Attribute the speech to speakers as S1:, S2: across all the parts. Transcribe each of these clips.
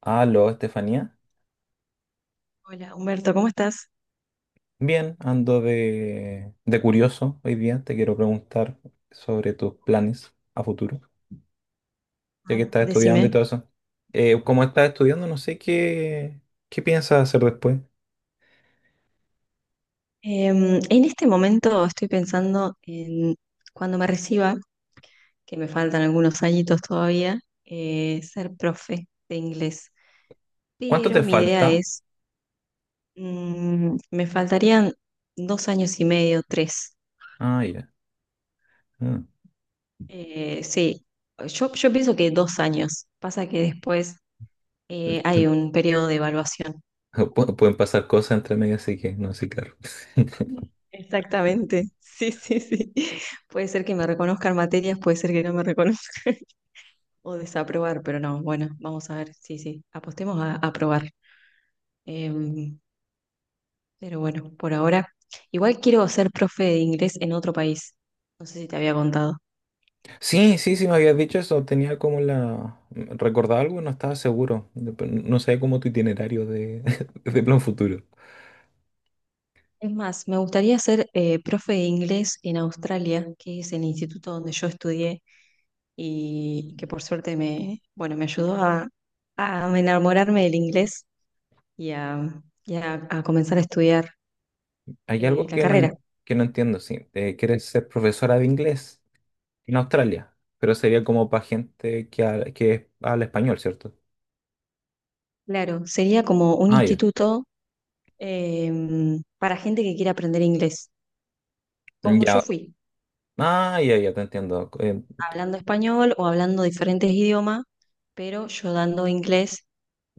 S1: Aló, Estefanía.
S2: Hola, Humberto, ¿cómo estás?
S1: Bien, ando de curioso hoy día. Te quiero preguntar sobre tus planes a futuro, ya
S2: Ah,
S1: que estás estudiando y
S2: decime.
S1: todo eso. Como estás estudiando, no sé qué piensas hacer después.
S2: En este momento estoy pensando en cuando me reciba, que me faltan algunos añitos todavía, ser profe de inglés.
S1: ¿Cuánto
S2: Pero
S1: te
S2: mi idea
S1: falta?
S2: es, me faltarían dos años y medio, tres.
S1: Ah, ya. Ah.
S2: Sí, yo pienso que dos años. Pasa que después hay un periodo de evaluación.
S1: Pueden pasar cosas entre medio, así que no sé, claro.
S2: Exactamente, sí, sí, sí. Puede ser que me reconozcan materias, puede ser que no me reconozcan. O desaprobar, pero no, bueno, vamos a ver, sí, sí, apostemos a aprobar. Em, pero bueno, por ahora, igual quiero ser profe de inglés en otro país, no sé si te había contado.
S1: Sí, sí, sí, me habías dicho eso. Tenía como la. Recordaba algo y no estaba seguro. No sabía como tu itinerario de, de plan futuro.
S2: Es más, me gustaría ser profe de inglés en Australia, que es el instituto donde yo estudié y que por suerte me, bueno, me ayudó a enamorarme del inglés y a comenzar a estudiar
S1: Hay algo
S2: la
S1: que no,
S2: carrera.
S1: en- que no entiendo, sí. Quieres ser profesora de inglés en Australia, pero sería como para gente que habla español, ¿cierto?
S2: Claro, sería como un
S1: Ah, ya.
S2: instituto eh, para gente que quiere aprender inglés, como yo
S1: Ya.
S2: fui,
S1: Ah, ya, ya te entiendo.
S2: hablando español o hablando diferentes idiomas, pero yo dando inglés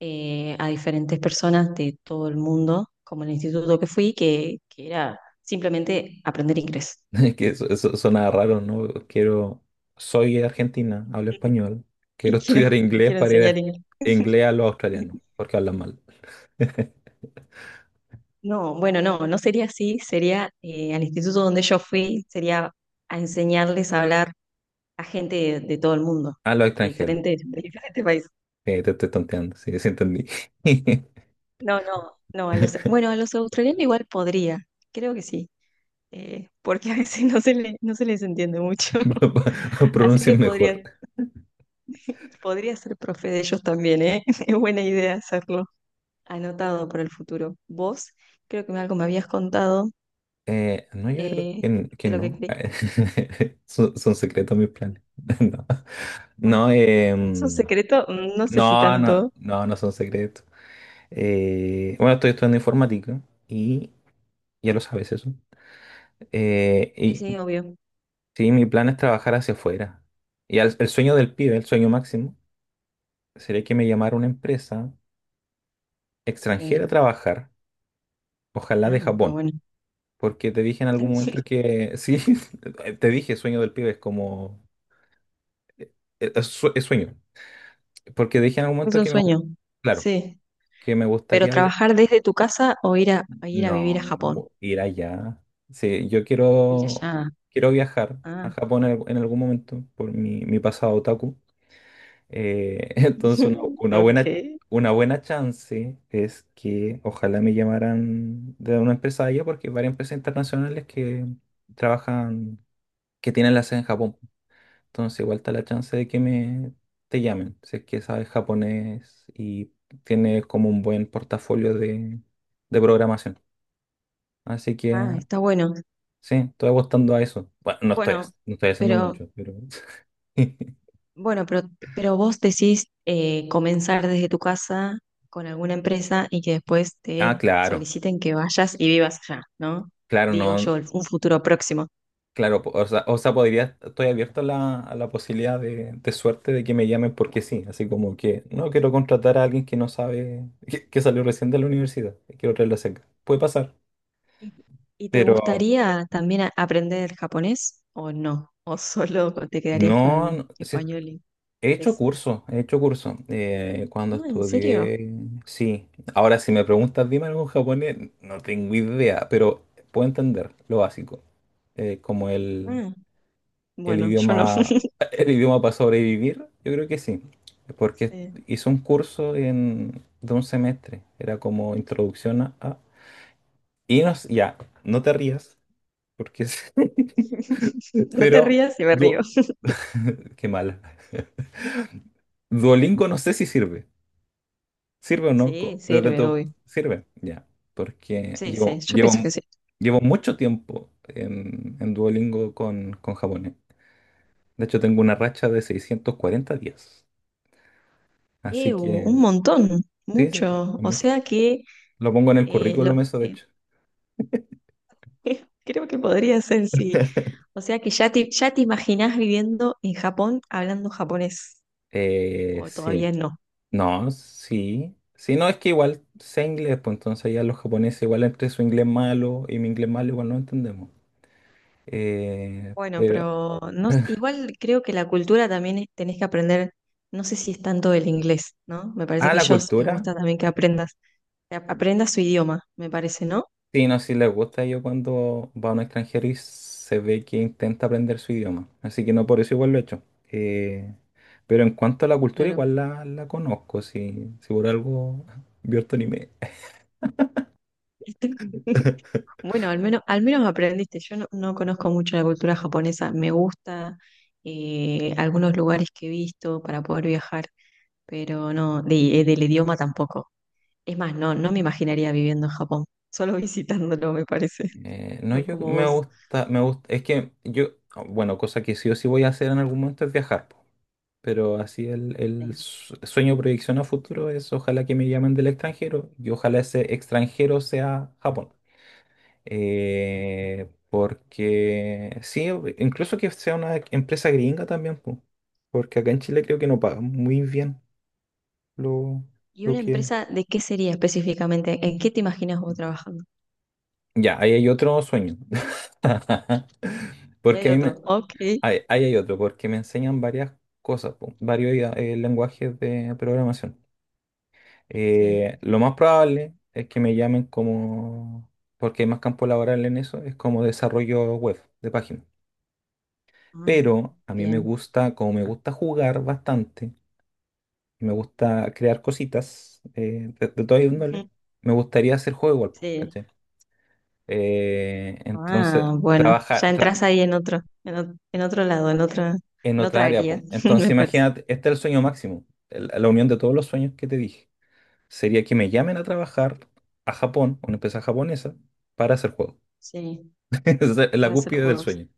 S2: a diferentes personas de todo el mundo, como el instituto que fui, que era simplemente aprender inglés.
S1: Es que eso suena raro, ¿no? Quiero. Soy argentina, hablo español. Quiero
S2: Y quiero,
S1: estudiar inglés
S2: quiero
S1: para ir
S2: enseñar inglés.
S1: a inglés a los australianos, porque hablan mal.
S2: No, bueno, no, no sería así, sería al instituto donde yo fui, sería a enseñarles a hablar a gente de todo el mundo,
S1: A los extranjeros.
S2: de diferentes países.
S1: Te estoy tonteando, sí, sí entendí.
S2: No, no, no, a los, bueno, a los australianos igual podría, creo que sí, porque a veces no se les entiende mucho, así que
S1: Pronuncien mejor.
S2: podría, podría ser profe de ellos también, ¿eh? Es buena idea hacerlo, anotado para el futuro. Vos, creo que algo me habías contado
S1: No, yo creo que,
S2: eh,
S1: que
S2: de lo que
S1: no.
S2: creí.
S1: Son secretos mis planes.
S2: Ah,
S1: No, no,
S2: ¿es un secreto? No sé si
S1: no, no,
S2: tanto.
S1: no, no son secretos. Bueno, estoy estudiando informática y ya lo sabes eso.
S2: Sí,
S1: Y
S2: sí, obvio.
S1: sí, mi plan es trabajar hacia afuera. Y el sueño del pibe, el sueño máximo, sería que me llamara una empresa extranjera a
S2: Sí.
S1: trabajar, ojalá de
S2: Ah, ah,
S1: Japón.
S2: bueno.
S1: Porque te dije en algún momento que, sí, te dije sueño del pibe, es como. eh, es sueño, porque dije en algún
S2: Es
S1: momento
S2: un
S1: que me,
S2: sueño.
S1: claro,
S2: Sí.
S1: que me
S2: Pero
S1: gustaría
S2: trabajar desde tu casa o ir a
S1: no
S2: vivir a Japón.
S1: ir allá. Sí, yo
S2: Ir
S1: quiero
S2: allá.
S1: quiero viajar a
S2: Ah,
S1: Japón en algún momento por mi pasado otaku. Entonces una, una
S2: ok.
S1: buena una buena chance es que ojalá me llamaran de una empresa allá porque hay varias empresas internacionales que trabajan que tienen la sede en Japón. Entonces igual está la chance de que me te llamen, si es que sabes japonés y tienes como un buen portafolio de programación. Así que
S2: Ah, está bueno.
S1: sí, estoy apostando a eso. Bueno, no estoy,
S2: Bueno,
S1: hac- no estoy haciendo
S2: pero
S1: mucho, pero.
S2: bueno, pero, pero vos decís comenzar desde tu casa con alguna empresa y que después
S1: Ah,
S2: te
S1: claro,
S2: soliciten que vayas y vivas allá, ¿no?
S1: claro,
S2: Digo yo,
S1: no,
S2: un futuro próximo.
S1: claro, o sea, podría, estoy abierto a la posibilidad de suerte de que me llamen porque sí, así como que no quiero contratar a alguien que no sabe, que salió recién de la universidad, quiero traerlo cerca. Puede pasar,
S2: ¿Y, y te
S1: pero.
S2: gustaría también aprender japonés o no? ¿O solo te quedarías
S1: No,
S2: con
S1: no, sí,
S2: español y
S1: he hecho
S2: inglés?
S1: curso, he hecho curso. Cuando
S2: No, ¿en serio?
S1: estudié, sí. Ahora, si me preguntas, dime algo en japonés, no tengo idea, pero puedo entender lo básico. Como el,
S2: Ah,
S1: el
S2: bueno, yo no.
S1: idioma, el idioma para sobrevivir, yo creo que sí. Porque
S2: Sí.
S1: hice un curso de un semestre, era como introducción a. Y no, ya, no te rías, porque
S2: No te
S1: Pero,
S2: rías y me río.
S1: du- qué mal. Duolingo no sé si sirve. ¿Sirve o no? Co-
S2: Sí,
S1: Desde
S2: sirve,
S1: tu.
S2: obvio.
S1: Sirve, ya. Porque
S2: Sí, sí,
S1: llevo,
S2: yo
S1: llevo,
S2: pienso que sí.
S1: llevo mucho tiempo en Duolingo con japonés. De hecho, tengo una racha de 640 días. Así que,
S2: Un montón,
S1: sí, sí,
S2: mucho.
S1: es
S2: O
S1: mucho.
S2: sea que
S1: Lo pongo en el
S2: eh, lo,
S1: currículum eso, de
S2: eh,
S1: hecho.
S2: creo que podría ser, sí. O sea que ya te imaginás viviendo en Japón hablando japonés, o
S1: Sí.
S2: todavía no.
S1: No, sí. Sí, no, es que igual sé inglés, pues entonces ya los japoneses, igual entre su inglés malo y mi inglés malo, igual no entendemos.
S2: Bueno,
S1: Pero,
S2: pero no, igual creo que la cultura también tenés que aprender, no sé si es tanto el inglés, ¿no? Me parece
S1: ah,
S2: que
S1: la
S2: ellos les
S1: cultura.
S2: gusta también que aprendas, que aprendas su idioma, me parece, ¿no?
S1: Sí, no, sí les gusta. Yo cuando va a un extranjero y se ve que intenta aprender su idioma. Así que no por eso igual lo he hecho. Eh, pero en cuanto a la cultura,
S2: Claro.
S1: igual la conozco. Si por algo vio este anime.
S2: Bueno, al menos aprendiste. Yo no, no conozco mucho la cultura japonesa. Me gusta algunos lugares que he visto para poder viajar, pero no, del idioma tampoco. Es más, no me imaginaría viviendo en Japón, solo visitándolo, me parece,
S1: No,
S2: no
S1: yo
S2: como
S1: me
S2: vos.
S1: gusta, me gusta. Es que yo, bueno, cosa que sí o sí voy a hacer en algún momento es viajar, po. Pero así el,
S2: Sí.
S1: el su- sueño, proyección a futuro es ojalá que me llamen del extranjero y ojalá ese extranjero sea Japón. Porque sí, incluso que sea una empresa gringa también, po, porque acá en Chile creo que no pagan muy bien lo,
S2: ¿Y
S1: lo
S2: una
S1: que.
S2: empresa de qué sería específicamente? ¿En qué te imaginas vos trabajando?
S1: Ya, ahí hay otro sueño.
S2: Y
S1: Porque a
S2: hay
S1: mí
S2: otro.
S1: me.
S2: Ok.
S1: Ahí hay otro, porque me enseñan varias cosas, po, varios lenguajes de programación.
S2: Sí.
S1: Lo más probable es que me llamen como. Porque hay más campo laboral en eso, es como desarrollo web de páginas.
S2: Ah,
S1: Pero a mí me
S2: bien.
S1: gusta, como me gusta jugar bastante, me gusta crear cositas de toda índole,
S2: Ujú.
S1: me gustaría hacer juego igual, po,
S2: Sí.
S1: ¿cachai?
S2: Ah,
S1: Entonces,
S2: bueno, ya
S1: trabajar
S2: entras ahí en otro, en otro lado, en otra,
S1: en
S2: en
S1: otra
S2: otra
S1: área,
S2: área,
S1: po. Entonces,
S2: me parece.
S1: imagínate, este es el sueño máximo, la unión de todos los sueños que te dije. Sería que me llamen a trabajar a Japón, una empresa japonesa, para hacer juego.
S2: Sí,
S1: Esa es la
S2: para hacer
S1: cúspide del
S2: juegos.
S1: sueño.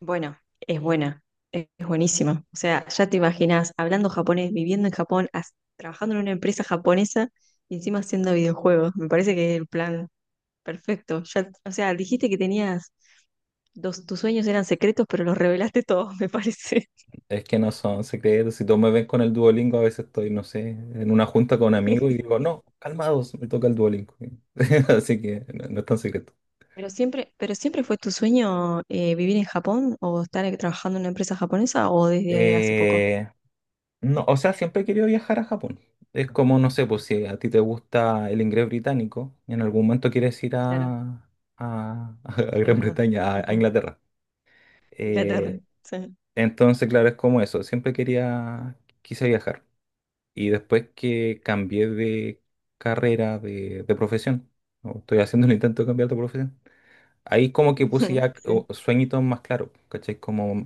S2: Bueno, es buena, es buenísima. O sea, ya te imaginas hablando japonés, viviendo en Japón, trabajando en una empresa japonesa y encima haciendo videojuegos. Me parece que es el plan perfecto. Ya, o sea, dijiste que tenías dos, tus sueños eran secretos, pero los revelaste todos, me parece.
S1: Es que no son secretos. Si todos me ven con el Duolingo, a veces estoy, no sé, en una junta con amigos y digo, no, calmados, me toca el Duolingo. Así que no, no es tan secreto.
S2: Pero siempre fue tu sueño vivir en Japón o estar trabajando en una empresa japonesa o desde hace poco.
S1: Eh, no, o sea, siempre he querido viajar a Japón. Es como, no sé, pues si a ti te gusta el inglés británico, y en algún momento quieres ir
S2: Claro,
S1: a
S2: es
S1: Gran
S2: verdad.
S1: Bretaña, a
S2: Ujú.
S1: Inglaterra.
S2: Inglaterra.
S1: Eh,
S2: Sí.
S1: entonces, claro, es como eso. Siempre quise viajar. Y después que cambié de carrera, de profesión, ¿no? Estoy haciendo el intento de cambiar de profesión, ahí como que puse ya
S2: Sí.
S1: sueñitos más claros, ¿cachai? Como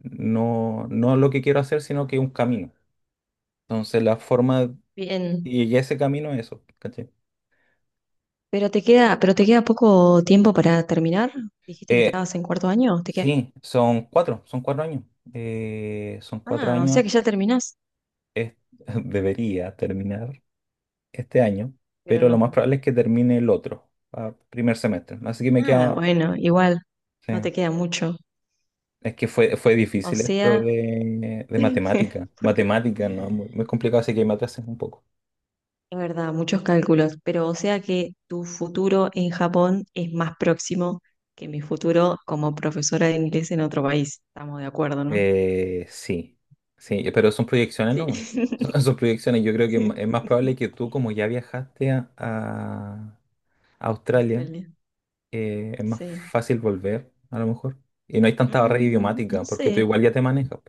S1: no, no lo que quiero hacer, sino que un camino. Entonces la forma,
S2: Bien.
S1: y llegué a ese camino es eso, ¿cachai?
S2: Pero te queda poco tiempo para terminar. Dijiste que
S1: Eh,
S2: estabas en cuarto año. ¿Te queda?
S1: sí, son cuatro años. Son cuatro
S2: Ah, o sea
S1: años,
S2: que ya terminás,
S1: es- debería terminar este año,
S2: pero
S1: pero lo más
S2: no.
S1: probable es que termine el otro, ah, primer semestre. Así que me
S2: Ah,
S1: queda.
S2: bueno, igual,
S1: Sí.
S2: no te queda mucho.
S1: Es que fue
S2: O
S1: difícil esto
S2: sea,
S1: de, de matemática. Matemática, ¿no? Muy, muy complicado, así que me atrasé un poco.
S2: es verdad, muchos cálculos, pero o sea que tu futuro en Japón es más próximo que mi futuro como profesora de inglés en otro país. Estamos de acuerdo, ¿no?
S1: Sí, sí, pero son proyecciones
S2: Sí.
S1: nomás. Son proyecciones. Yo creo que es m-
S2: Sí.
S1: es más probable que tú, como ya viajaste a Australia,
S2: Australia.
S1: es más
S2: Sí.
S1: fácil volver, a lo mejor. Y no hay tanta barrera
S2: No
S1: idiomática, porque tú
S2: sé,
S1: igual ya te manejas.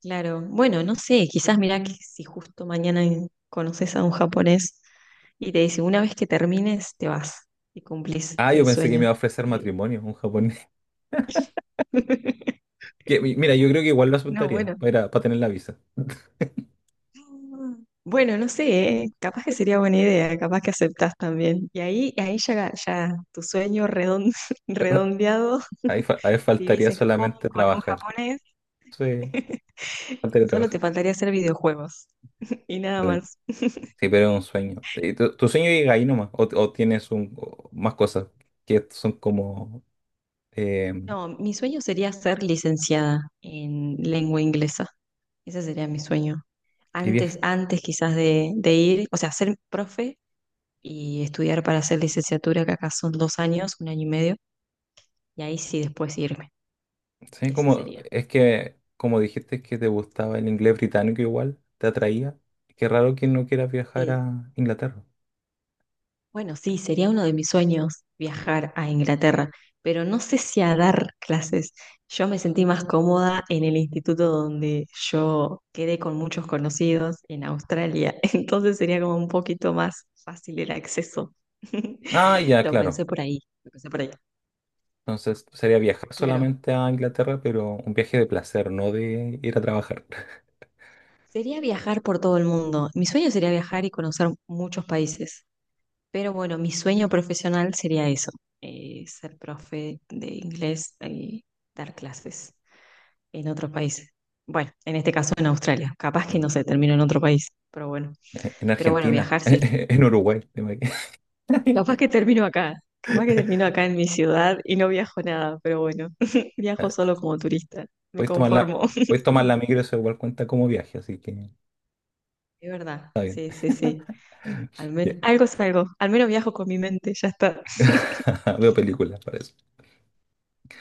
S2: claro. Bueno, no sé, quizás mirá que si justo mañana conoces a un japonés y te dice, una vez que termines, te vas y cumplís
S1: Ah, yo
S2: el
S1: pensé que me
S2: sueño
S1: iba a ofrecer
S2: de...
S1: matrimonio un japonés. Que, mira, yo creo que igual lo
S2: No,
S1: aceptaría
S2: bueno.
S1: para tener la visa.
S2: Bueno, no sé, ¿eh? Capaz que sería buena idea, capaz que aceptás también. Y ahí, ahí ya tu sueño redon- redondeado,
S1: Ahí
S2: vivís
S1: faltaría
S2: en Japón
S1: solamente
S2: con un
S1: trabajar.
S2: japonés,
S1: Sí. Falta que
S2: solo te
S1: trabajar.
S2: faltaría hacer videojuegos y nada
S1: Claro.
S2: más.
S1: Sí, pero es un sueño. ¿Y tu sueño llega ahí nomás? ¿O tienes un, o más cosas que son como? eh,
S2: No, mi sueño sería ser licenciada en lengua inglesa, ese sería mi sueño.
S1: y
S2: Antes, antes quizás de ir, o sea, ser profe y estudiar para hacer licenciatura, que acá son dos años, un año y medio, y ahí sí después irme,
S1: sí,
S2: ese
S1: como,
S2: sería.
S1: es que, como dijiste que te gustaba el inglés británico igual, te atraía. Qué raro que no quieras viajar
S2: Sí.
S1: a Inglaterra.
S2: Bueno, sí, sería uno de mis sueños viajar a Inglaterra, pero no sé si a dar clases. Yo me sentí más cómoda en el instituto donde yo quedé con muchos conocidos en Australia, entonces sería como un poquito más fácil el acceso.
S1: Ah, ya,
S2: Lo
S1: claro.
S2: pensé por ahí, lo pensé por ahí.
S1: Entonces sería viajar
S2: Claro,
S1: solamente a Inglaterra, pero un viaje de placer, no de ir a trabajar.
S2: sería viajar por todo el mundo. Mi sueño sería viajar y conocer muchos países. Pero bueno, mi sueño profesional sería eso, ser profe de inglés y dar clases en otros países. Bueno, en este caso en Australia. Capaz que
S1: En
S2: no se termino en otro país, pero bueno.
S1: en
S2: Pero bueno,
S1: Argentina,
S2: viajar sí.
S1: en Uruguay. Te imagino.
S2: Capaz que termino acá. Capaz que termino acá en mi ciudad y no viajo nada, pero bueno, viajo solo como turista. Me
S1: Puedes tomar la,
S2: conformo.
S1: puedes tomar la micro, eso igual cuenta como viaje, así que está
S2: Es verdad,
S1: bien.
S2: sí, sí, sí. Al
S1: Ya.
S2: menos algo es algo. Al menos viajo con mi mente, ya está.
S1: Veo películas para eso.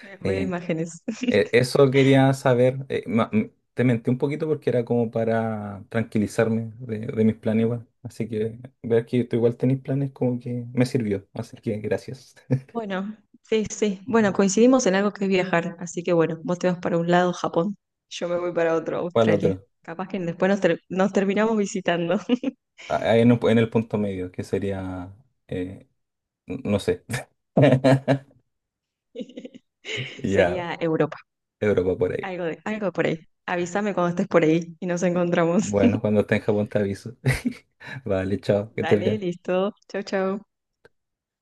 S2: Veo
S1: Eh,
S2: imágenes.
S1: Eso quería saber. Te mentí un poquito porque era como para tranquilizarme de mis planes igual. Así que ver que tú igual tenés planes como que me sirvió. Así que gracias.
S2: Bueno, sí, sí. Bueno, coincidimos en algo que es viajar, así que bueno, vos te vas para un lado, Japón, yo me voy para otro,
S1: Para el
S2: Australia.
S1: otro.
S2: Capaz que después nos terminamos visitando.
S1: Ah, ahí en el punto medio, que sería, eh, no sé. Ya,
S2: Sería Europa,
S1: Europa por ahí.
S2: algo por ahí. Avísame cuando estés por ahí y nos encontramos.
S1: Bueno, cuando esté en Japón te aviso. Vale, chao, que estés
S2: Dale,
S1: bien.
S2: listo. Chau, chau.